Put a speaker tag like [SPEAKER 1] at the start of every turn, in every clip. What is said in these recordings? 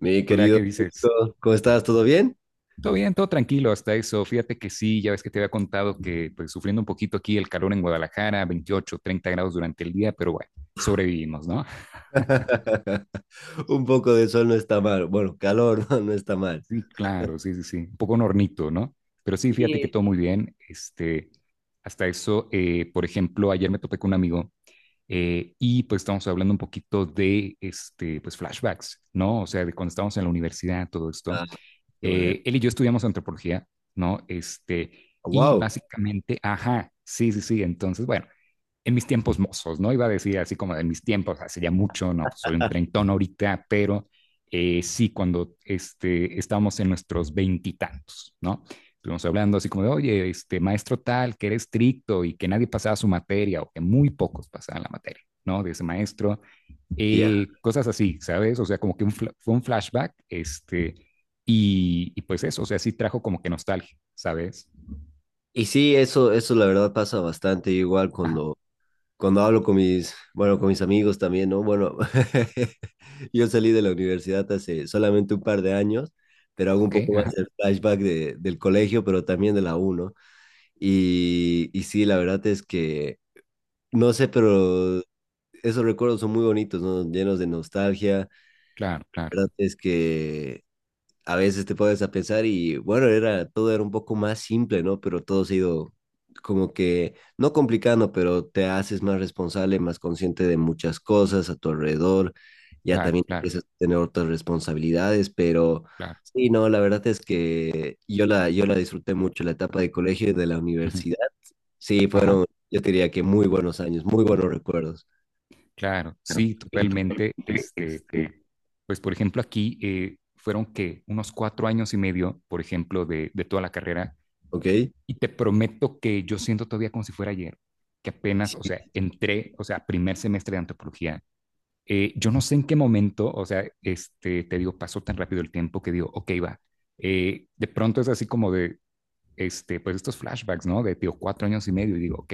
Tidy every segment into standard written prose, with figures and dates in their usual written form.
[SPEAKER 1] Mi
[SPEAKER 2] Hola,
[SPEAKER 1] querido,
[SPEAKER 2] ¿qué dices?
[SPEAKER 1] Nico, ¿cómo estás? ¿Todo bien?
[SPEAKER 2] Todo bien, todo tranquilo hasta eso. Fíjate que sí, ya ves que te había contado que pues sufriendo un poquito aquí el calor en Guadalajara, 28, 30 grados durante el día, pero bueno, sobrevivimos, ¿no?
[SPEAKER 1] Un poco de sol no está mal. Bueno, calor no, no está mal.
[SPEAKER 2] Sí, claro, sí, sí, sí. Un poco un hornito, ¿no? Pero sí, fíjate que
[SPEAKER 1] Sí.
[SPEAKER 2] todo muy bien. Hasta eso, por ejemplo, ayer me topé con un amigo y pues estábamos hablando un poquito de, pues flashbacks, ¿no? O sea, de cuando estábamos en la universidad, todo esto.
[SPEAKER 1] Ah, qué bueno.
[SPEAKER 2] Él y yo estudiamos antropología, ¿no? Y
[SPEAKER 1] Wow.
[SPEAKER 2] básicamente, ajá, sí, sí, sí. Entonces, bueno, en mis tiempos mozos, ¿no? Iba a decir así como en mis tiempos, hace ya mucho, no, pues soy un treintón ahorita, pero sí, cuando estábamos en nuestros veintitantos, ¿no? Estuvimos hablando así como de, oye, este maestro tal, que era estricto y que nadie pasaba su materia o que muy pocos pasaban la materia, ¿no? De ese maestro
[SPEAKER 1] Ya.
[SPEAKER 2] cosas así, ¿sabes? O sea, como que fue un flashback, y pues eso, o sea, sí trajo como que nostalgia, ¿sabes?
[SPEAKER 1] Y sí, eso la verdad pasa bastante igual
[SPEAKER 2] Ajá,
[SPEAKER 1] cuando, cuando hablo con bueno, con mis amigos también, ¿no? Bueno, yo salí de la universidad hace solamente un par de años, pero
[SPEAKER 2] ah,
[SPEAKER 1] hago un
[SPEAKER 2] ok,
[SPEAKER 1] poco más
[SPEAKER 2] ajá,
[SPEAKER 1] el flashback del colegio, pero también de la U, ¿no? Y sí, la verdad es que, no sé, pero esos recuerdos son muy bonitos, ¿no? Llenos de nostalgia.
[SPEAKER 2] claro,
[SPEAKER 1] La
[SPEAKER 2] claro,
[SPEAKER 1] verdad es que a veces te pones a pensar y bueno, todo era un poco más simple, ¿no? Pero todo se ha ido como que, no complicando, pero te haces más responsable, más consciente de muchas cosas a tu alrededor. Ya
[SPEAKER 2] claro,
[SPEAKER 1] también
[SPEAKER 2] claro,
[SPEAKER 1] empiezas a tener otras responsabilidades, pero
[SPEAKER 2] claro,
[SPEAKER 1] sí, no, la verdad es que yo la disfruté mucho, la etapa de colegio y de la
[SPEAKER 2] ujú,
[SPEAKER 1] universidad. Sí,
[SPEAKER 2] ajá,
[SPEAKER 1] fueron, yo te diría que muy buenos años, muy buenos recuerdos.
[SPEAKER 2] claro, sí, totalmente, pues por ejemplo aquí fueron que unos 4 años y medio, por ejemplo, de toda la carrera,
[SPEAKER 1] ¿Ok?
[SPEAKER 2] y te prometo que yo siento todavía como si fuera ayer, que apenas, o sea, entré, o sea, primer semestre de antropología. Yo no sé en qué momento, o sea, te digo, pasó tan rápido el tiempo que digo, ok, va. De pronto es así como de, pues estos flashbacks, ¿no? De, digo, 4 años y medio y digo, ok,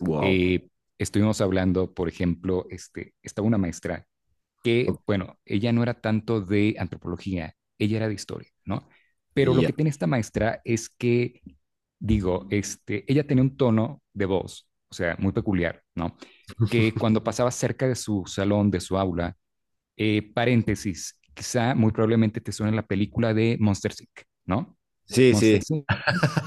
[SPEAKER 1] Wow.
[SPEAKER 2] eh, estuvimos hablando, por ejemplo, estaba una maestra que,
[SPEAKER 1] Ok.
[SPEAKER 2] bueno, ella no era tanto de antropología, ella era de historia, ¿no? Pero lo
[SPEAKER 1] Ya.
[SPEAKER 2] que tiene esta maestra es que, digo, ella tenía un tono de voz, o sea, muy peculiar, ¿no? Que cuando pasaba cerca de su salón, de su aula, paréntesis, quizá muy probablemente te suene la película de Monster Inc., ¿no?
[SPEAKER 1] Sí,
[SPEAKER 2] Monster
[SPEAKER 1] sí.
[SPEAKER 2] Inc.,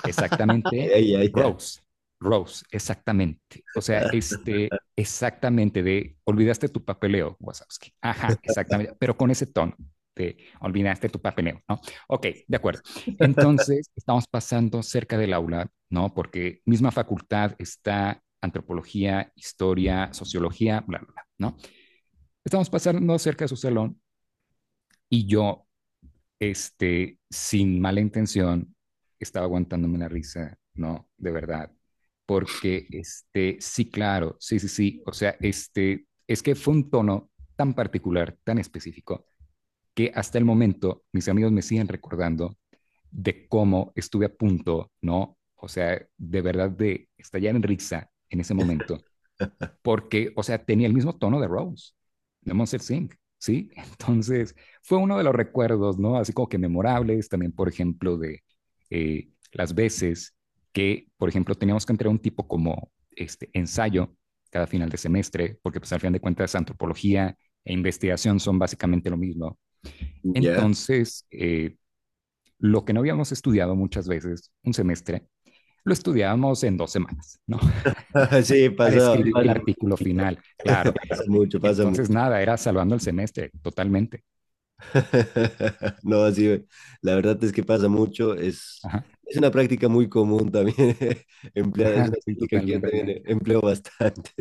[SPEAKER 2] exactamente.
[SPEAKER 1] Ya, ya, ya.
[SPEAKER 2] Rose, Rose, exactamente. O sea, exactamente de olvidaste tu papeleo, Wazowski. Ajá, exactamente, pero con ese tono. Te olvidaste tu papeleo, ¿no? Ok, de acuerdo. Entonces, estamos pasando cerca del aula, ¿no? Porque misma facultad está antropología, historia, sociología, bla, bla, bla, ¿no? Estamos pasando cerca de su salón y yo, sin mala intención, estaba aguantándome la risa, ¿no? De verdad. Porque, sí, claro, sí, sí, sí. O sea, es que fue un tono tan particular, tan específico, que hasta el momento mis amigos me siguen recordando de cómo estuve a punto, ¿no? O sea, de verdad de estallar en risa en ese momento porque, o sea, tenía el mismo tono de Rose, de Monster Singh, ¿sí? Entonces, fue uno de los recuerdos, ¿no? Así como que memorables, también, por ejemplo, de las veces que, por ejemplo, teníamos que entregar un tipo como este ensayo cada final de semestre, porque pues al final de cuentas antropología e investigación son básicamente lo mismo.
[SPEAKER 1] Ya.
[SPEAKER 2] Entonces, lo que no habíamos estudiado muchas veces, un semestre, lo estudiábamos en 2 semanas, ¿no?
[SPEAKER 1] Sí,
[SPEAKER 2] Para
[SPEAKER 1] pasa,
[SPEAKER 2] escribir el
[SPEAKER 1] pasa,
[SPEAKER 2] artículo final. Claro,
[SPEAKER 1] pasa mucho, pasa
[SPEAKER 2] entonces,
[SPEAKER 1] mucho.
[SPEAKER 2] nada, era salvando el semestre, totalmente.
[SPEAKER 1] No, sí, la verdad es que pasa mucho. Es,
[SPEAKER 2] Ajá,
[SPEAKER 1] es una práctica muy común también empleada. Es
[SPEAKER 2] ajá,
[SPEAKER 1] una
[SPEAKER 2] sí,
[SPEAKER 1] técnica que yo
[SPEAKER 2] totalmente.
[SPEAKER 1] también empleo bastante.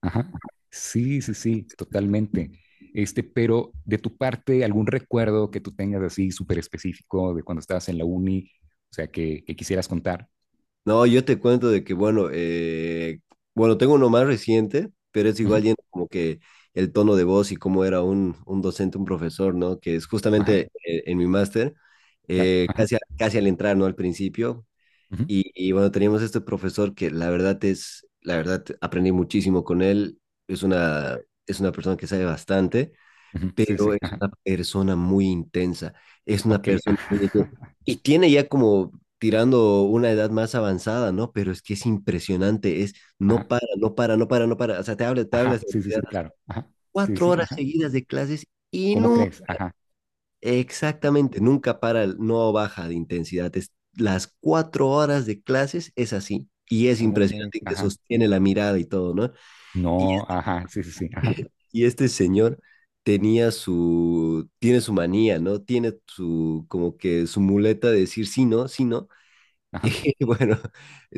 [SPEAKER 2] Ajá. Sí, sí, sí, totalmente. Pero de tu parte, ¿algún recuerdo que tú tengas así súper específico de cuando estabas en la uni? O sea, que quisieras contar.
[SPEAKER 1] No, yo te cuento de que, bueno, bueno, tengo uno más reciente, pero es igual
[SPEAKER 2] Ujú,
[SPEAKER 1] yendo como que el tono de voz y cómo era un docente, un profesor, ¿no? Que es
[SPEAKER 2] ajá,
[SPEAKER 1] justamente en mi máster,
[SPEAKER 2] claro.
[SPEAKER 1] eh,
[SPEAKER 2] Ajá,
[SPEAKER 1] casi, a- casi al entrar, ¿no? Al principio.
[SPEAKER 2] ujú,
[SPEAKER 1] Y bueno, teníamos este profesor que la verdad, aprendí muchísimo con él. Es una, es una persona que sabe bastante,
[SPEAKER 2] ujú, sí, sí.
[SPEAKER 1] pero es
[SPEAKER 2] Ajá.
[SPEAKER 1] una persona muy intensa, es una
[SPEAKER 2] Ok.
[SPEAKER 1] persona
[SPEAKER 2] Ajá,
[SPEAKER 1] muy. Y tiene ya como tirando una edad más avanzada, ¿no? Pero es que es impresionante, es no
[SPEAKER 2] ajá,
[SPEAKER 1] para, no para, no para, no para. O sea, te hablas
[SPEAKER 2] ajá,
[SPEAKER 1] de
[SPEAKER 2] sí, sí,
[SPEAKER 1] universidad,
[SPEAKER 2] sí,
[SPEAKER 1] así,
[SPEAKER 2] claro. Ajá. Sí,
[SPEAKER 1] cuatro
[SPEAKER 2] sí.
[SPEAKER 1] horas
[SPEAKER 2] Ajá.
[SPEAKER 1] seguidas de clases y
[SPEAKER 2] ¿Cómo
[SPEAKER 1] nunca,
[SPEAKER 2] crees? Ajá.
[SPEAKER 1] exactamente, nunca para, no baja de intensidad. Las 4 horas de clases es así. Y es
[SPEAKER 2] ¿Cómo crees?
[SPEAKER 1] impresionante y te
[SPEAKER 2] Ajá.
[SPEAKER 1] sostiene la mirada y todo, ¿no? Y
[SPEAKER 2] No, ajá. Sí, sí, sí. Ajá.
[SPEAKER 1] Y este señor tenía su, tiene su manía, ¿no? Tiene su, como que su muleta de decir sí, no, sí, no. Y
[SPEAKER 2] Ajá.
[SPEAKER 1] bueno,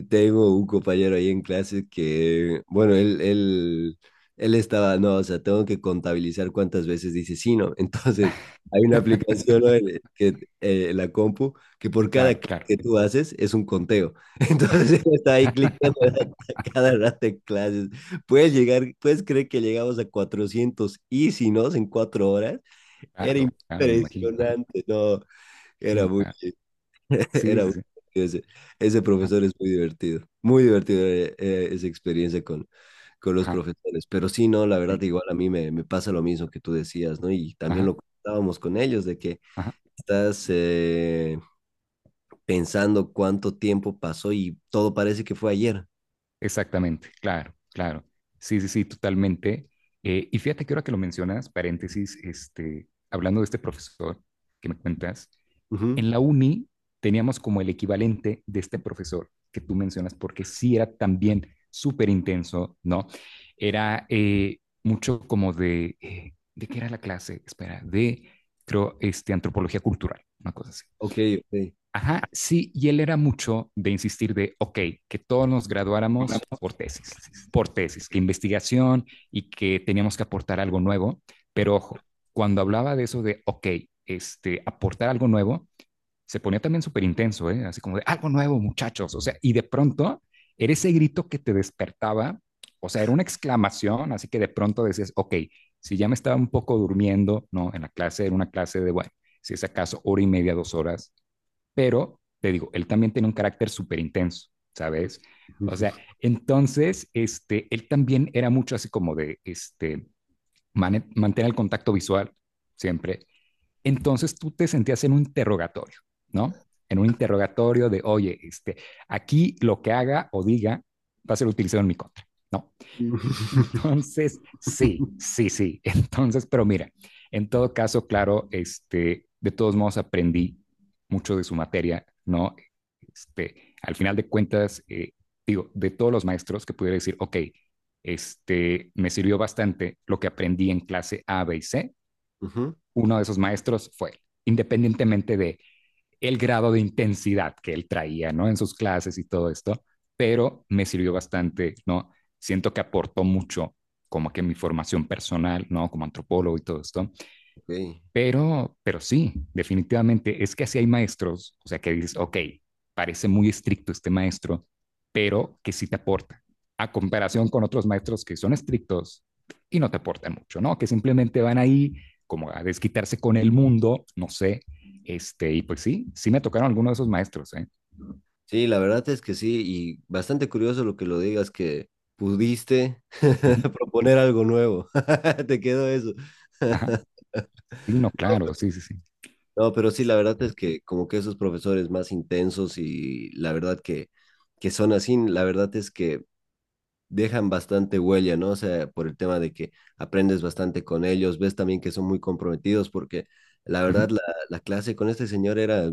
[SPEAKER 1] tengo un compañero ahí en clase que, bueno, él estaba, no, o sea, tengo que contabilizar cuántas veces dice sí, no. Entonces, hay una aplicación, ¿no? La compu, que por cada
[SPEAKER 2] Claro,
[SPEAKER 1] clic
[SPEAKER 2] claro.
[SPEAKER 1] que tú haces es un conteo. Entonces, él está ahí cliqueando a cada rato en clases. ¿Puedes creer que llegamos a 400 y si no, en 4 horas? Era
[SPEAKER 2] Claro, claro, me imagino. Ajá,
[SPEAKER 1] impresionante, no,
[SPEAKER 2] sí,
[SPEAKER 1] era
[SPEAKER 2] no,
[SPEAKER 1] muy.
[SPEAKER 2] claro. Sí,
[SPEAKER 1] Era
[SPEAKER 2] sí,
[SPEAKER 1] muy
[SPEAKER 2] sí.
[SPEAKER 1] divertido ese
[SPEAKER 2] Ajá,
[SPEAKER 1] profesor. Es muy divertido, muy divertido, esa experiencia con los
[SPEAKER 2] ajá,
[SPEAKER 1] profesores. Pero sí, no, la
[SPEAKER 2] sí.
[SPEAKER 1] verdad, igual a mí me pasa lo mismo que tú decías, ¿no? Y también
[SPEAKER 2] Ajá,
[SPEAKER 1] lo comentábamos con ellos, de que
[SPEAKER 2] ajá.
[SPEAKER 1] estás pensando cuánto tiempo pasó y todo parece que fue ayer.
[SPEAKER 2] Exactamente, claro, claro. Sí, sí, sí, totalmente. Y fíjate que ahora que lo mencionas, paréntesis, hablando de este profesor que me cuentas,
[SPEAKER 1] Ujú.
[SPEAKER 2] en la uni teníamos como el equivalente de este profesor que tú mencionas, porque sí era también súper intenso, ¿no? Era mucho como ¿de qué era la clase? Espera, de, creo, antropología cultural, una cosa así.
[SPEAKER 1] Ok, ok.
[SPEAKER 2] Ajá, sí, y él era mucho de insistir de, ok, que todos nos graduáramos por tesis, que investigación y que teníamos que aportar algo nuevo, pero ojo, cuando hablaba de eso de, ok, aportar algo nuevo, se ponía también súper intenso, ¿eh? Así como de, algo nuevo, muchachos, o sea, y de pronto era ese grito que te despertaba, o sea, era una exclamación, así que de pronto decías, ok, si ya me estaba un poco durmiendo, ¿no? En la clase, era una clase de, bueno, si es acaso hora y media, 2 horas, pero te digo, él también tiene un carácter súper intenso, ¿sabes? O sea, entonces, él también era mucho así como de, mantener el contacto visual siempre. Entonces tú te sentías en un interrogatorio, ¿no? En un interrogatorio de, oye, aquí lo que haga o diga va a ser utilizado en mi contra, ¿no? Entonces, sí, sí, sí. Entonces, pero mira, en todo caso, claro, de todos modos aprendí mucho de su materia, ¿no? Al final de cuentas, digo, de todos los maestros que pudiera decir, ok, me sirvió bastante lo que aprendí en clase A, B y C,
[SPEAKER 1] Ujú,
[SPEAKER 2] uno de esos maestros fue, él, independientemente de el grado de intensidad que él traía, ¿no? En sus clases y todo esto, pero me sirvió bastante, ¿no? Siento que aportó mucho como que mi formación personal, ¿no? Como antropólogo y todo esto,
[SPEAKER 1] ok.
[SPEAKER 2] pero sí, definitivamente es que así hay maestros, o sea, que dices, ok, parece muy estricto este maestro, pero que sí te aporta, a comparación con otros maestros que son estrictos y no te aportan mucho, ¿no? Que simplemente van ahí como a desquitarse con el mundo, no sé, y pues sí, sí me tocaron algunos de esos maestros, ¿eh?
[SPEAKER 1] Sí, la verdad es que sí, y bastante curioso lo que lo digas, que pudiste
[SPEAKER 2] Ujú,
[SPEAKER 1] proponer algo nuevo. Te quedó eso.
[SPEAKER 2] ajá, sí, no, claro, sí, sí, sí.
[SPEAKER 1] No, pero sí, la verdad es que como que esos profesores más intensos y la verdad que son así, la verdad es que dejan bastante huella, ¿no? O sea, por el tema de que aprendes bastante con ellos, ves también que son muy comprometidos porque la verdad
[SPEAKER 2] Ujú,
[SPEAKER 1] la clase con este señor era,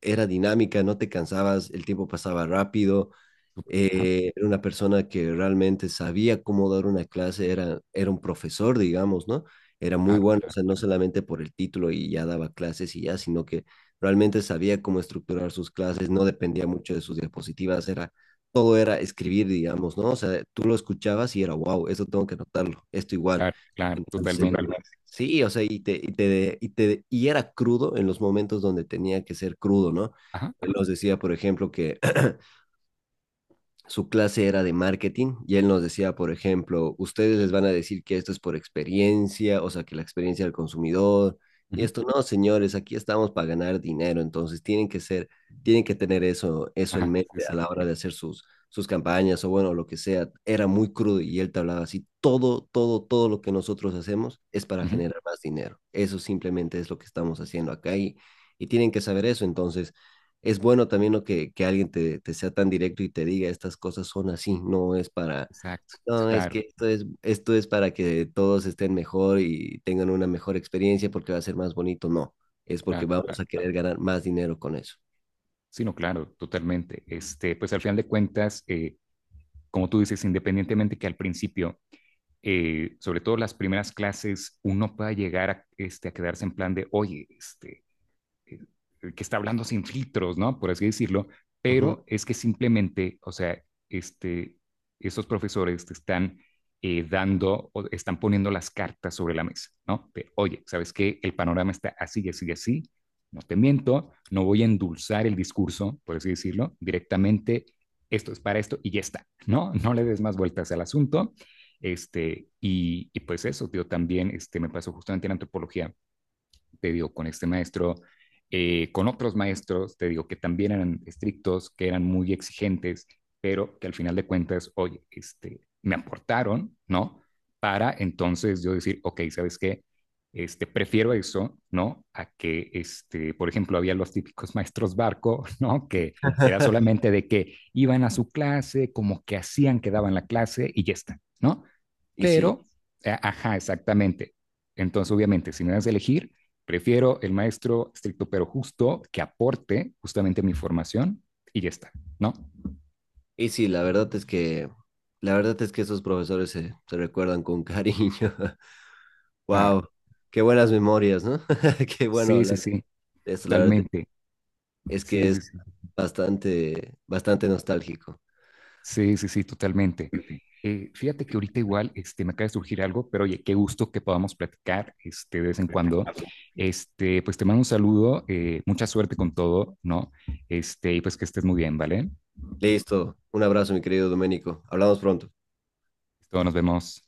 [SPEAKER 1] era dinámica, no te cansabas, el tiempo pasaba rápido.
[SPEAKER 2] súper, ajá,
[SPEAKER 1] Era una persona que realmente sabía cómo dar una clase, era, era un profesor, digamos, ¿no? Era muy
[SPEAKER 2] claro,
[SPEAKER 1] bueno, o
[SPEAKER 2] claro,
[SPEAKER 1] sea, no solamente por el título y ya daba clases y ya, sino que realmente sabía cómo estructurar sus clases, no dependía mucho de sus diapositivas, todo era escribir, digamos, ¿no? O sea, tú lo escuchabas y era, wow, esto tengo que anotarlo, esto igual.
[SPEAKER 2] claro, claro,
[SPEAKER 1] Entonces,
[SPEAKER 2] totalmente.
[SPEAKER 1] totalmente, sí, o sea, y era crudo en los momentos donde tenía que ser crudo, ¿no?
[SPEAKER 2] Ajá,
[SPEAKER 1] Él nos decía, por ejemplo, que su clase era de marketing y él nos decía, por ejemplo, ustedes les van a decir que esto es por experiencia, o sea, que la experiencia del consumidor y
[SPEAKER 2] ujú,
[SPEAKER 1] esto. No, señores, aquí estamos para ganar dinero, entonces tienen que tener eso, eso en
[SPEAKER 2] ajá, sí,
[SPEAKER 1] mente a
[SPEAKER 2] sí.
[SPEAKER 1] la hora de hacer sus, sus campañas o bueno, lo que sea. Era muy crudo y él te hablaba así, todo, todo, todo lo que nosotros hacemos es para
[SPEAKER 2] Ujú,
[SPEAKER 1] generar más dinero. Eso simplemente es lo que estamos haciendo acá. Y tienen que saber eso, entonces es bueno también, ¿no?, que alguien te, te sea tan directo y te diga estas cosas son así. No es para,
[SPEAKER 2] exacto,
[SPEAKER 1] no, es
[SPEAKER 2] claro.
[SPEAKER 1] que esto es para que todos estén mejor y tengan una mejor experiencia porque va a ser más bonito, no, es porque
[SPEAKER 2] Claro,
[SPEAKER 1] vamos a
[SPEAKER 2] claro.
[SPEAKER 1] querer ganar más dinero con eso.
[SPEAKER 2] Sí, no, claro, totalmente. Pues al final de cuentas, como tú dices, independientemente que al principio, sobre todo las primeras clases, uno pueda llegar a quedarse en plan de, oye, que está hablando sin filtros, ¿no? Por así decirlo,
[SPEAKER 1] Ujú.
[SPEAKER 2] pero es que simplemente, o sea, este, estos profesores te están dando, o están poniendo las cartas sobre la mesa, ¿no? De, oye, ¿sabes qué? El panorama está así, así, así, no te miento, no voy a endulzar el discurso, por así decirlo, directamente, esto es para esto y ya está, ¿no? No le des más vueltas al asunto. Y pues eso, tío, también me pasó justamente en antropología, te digo, con este maestro, con otros maestros, te digo, que también eran estrictos, que eran muy exigentes, pero que al final de cuentas, oye, me aportaron, ¿no? Para entonces yo decir, ok, ¿sabes qué? Prefiero eso, ¿no? A que, por ejemplo, había los típicos maestros barco, ¿no? Que era solamente de que iban a su clase, como que hacían que daban la clase y ya está, ¿no?
[SPEAKER 1] Y sí,
[SPEAKER 2] Pero, ajá, exactamente. Entonces, obviamente, si me das a elegir, prefiero el maestro estricto pero justo que aporte justamente a mi formación y ya está, ¿no?
[SPEAKER 1] y sí, la verdad es que, la verdad es que esos profesores se recuerdan con cariño.
[SPEAKER 2] Claro.
[SPEAKER 1] Wow, qué buenas memorias, ¿no? Qué bueno
[SPEAKER 2] Sí, sí,
[SPEAKER 1] hablar
[SPEAKER 2] sí,
[SPEAKER 1] de esto, la verdad
[SPEAKER 2] totalmente.
[SPEAKER 1] es que
[SPEAKER 2] Sí,
[SPEAKER 1] es
[SPEAKER 2] sí, sí.
[SPEAKER 1] bastante, bastante nostálgico.
[SPEAKER 2] Sí, sí, sí, totalmente. Fíjate que ahorita igual me acaba de surgir algo, pero oye, qué gusto que podamos platicar de vez en cuando. Pues te mando un saludo, mucha suerte con todo, ¿no? Y pues que estés muy bien, ¿vale?
[SPEAKER 1] Listo. Un abrazo, mi querido Doménico. Hablamos pronto.
[SPEAKER 2] Todos nos vemos.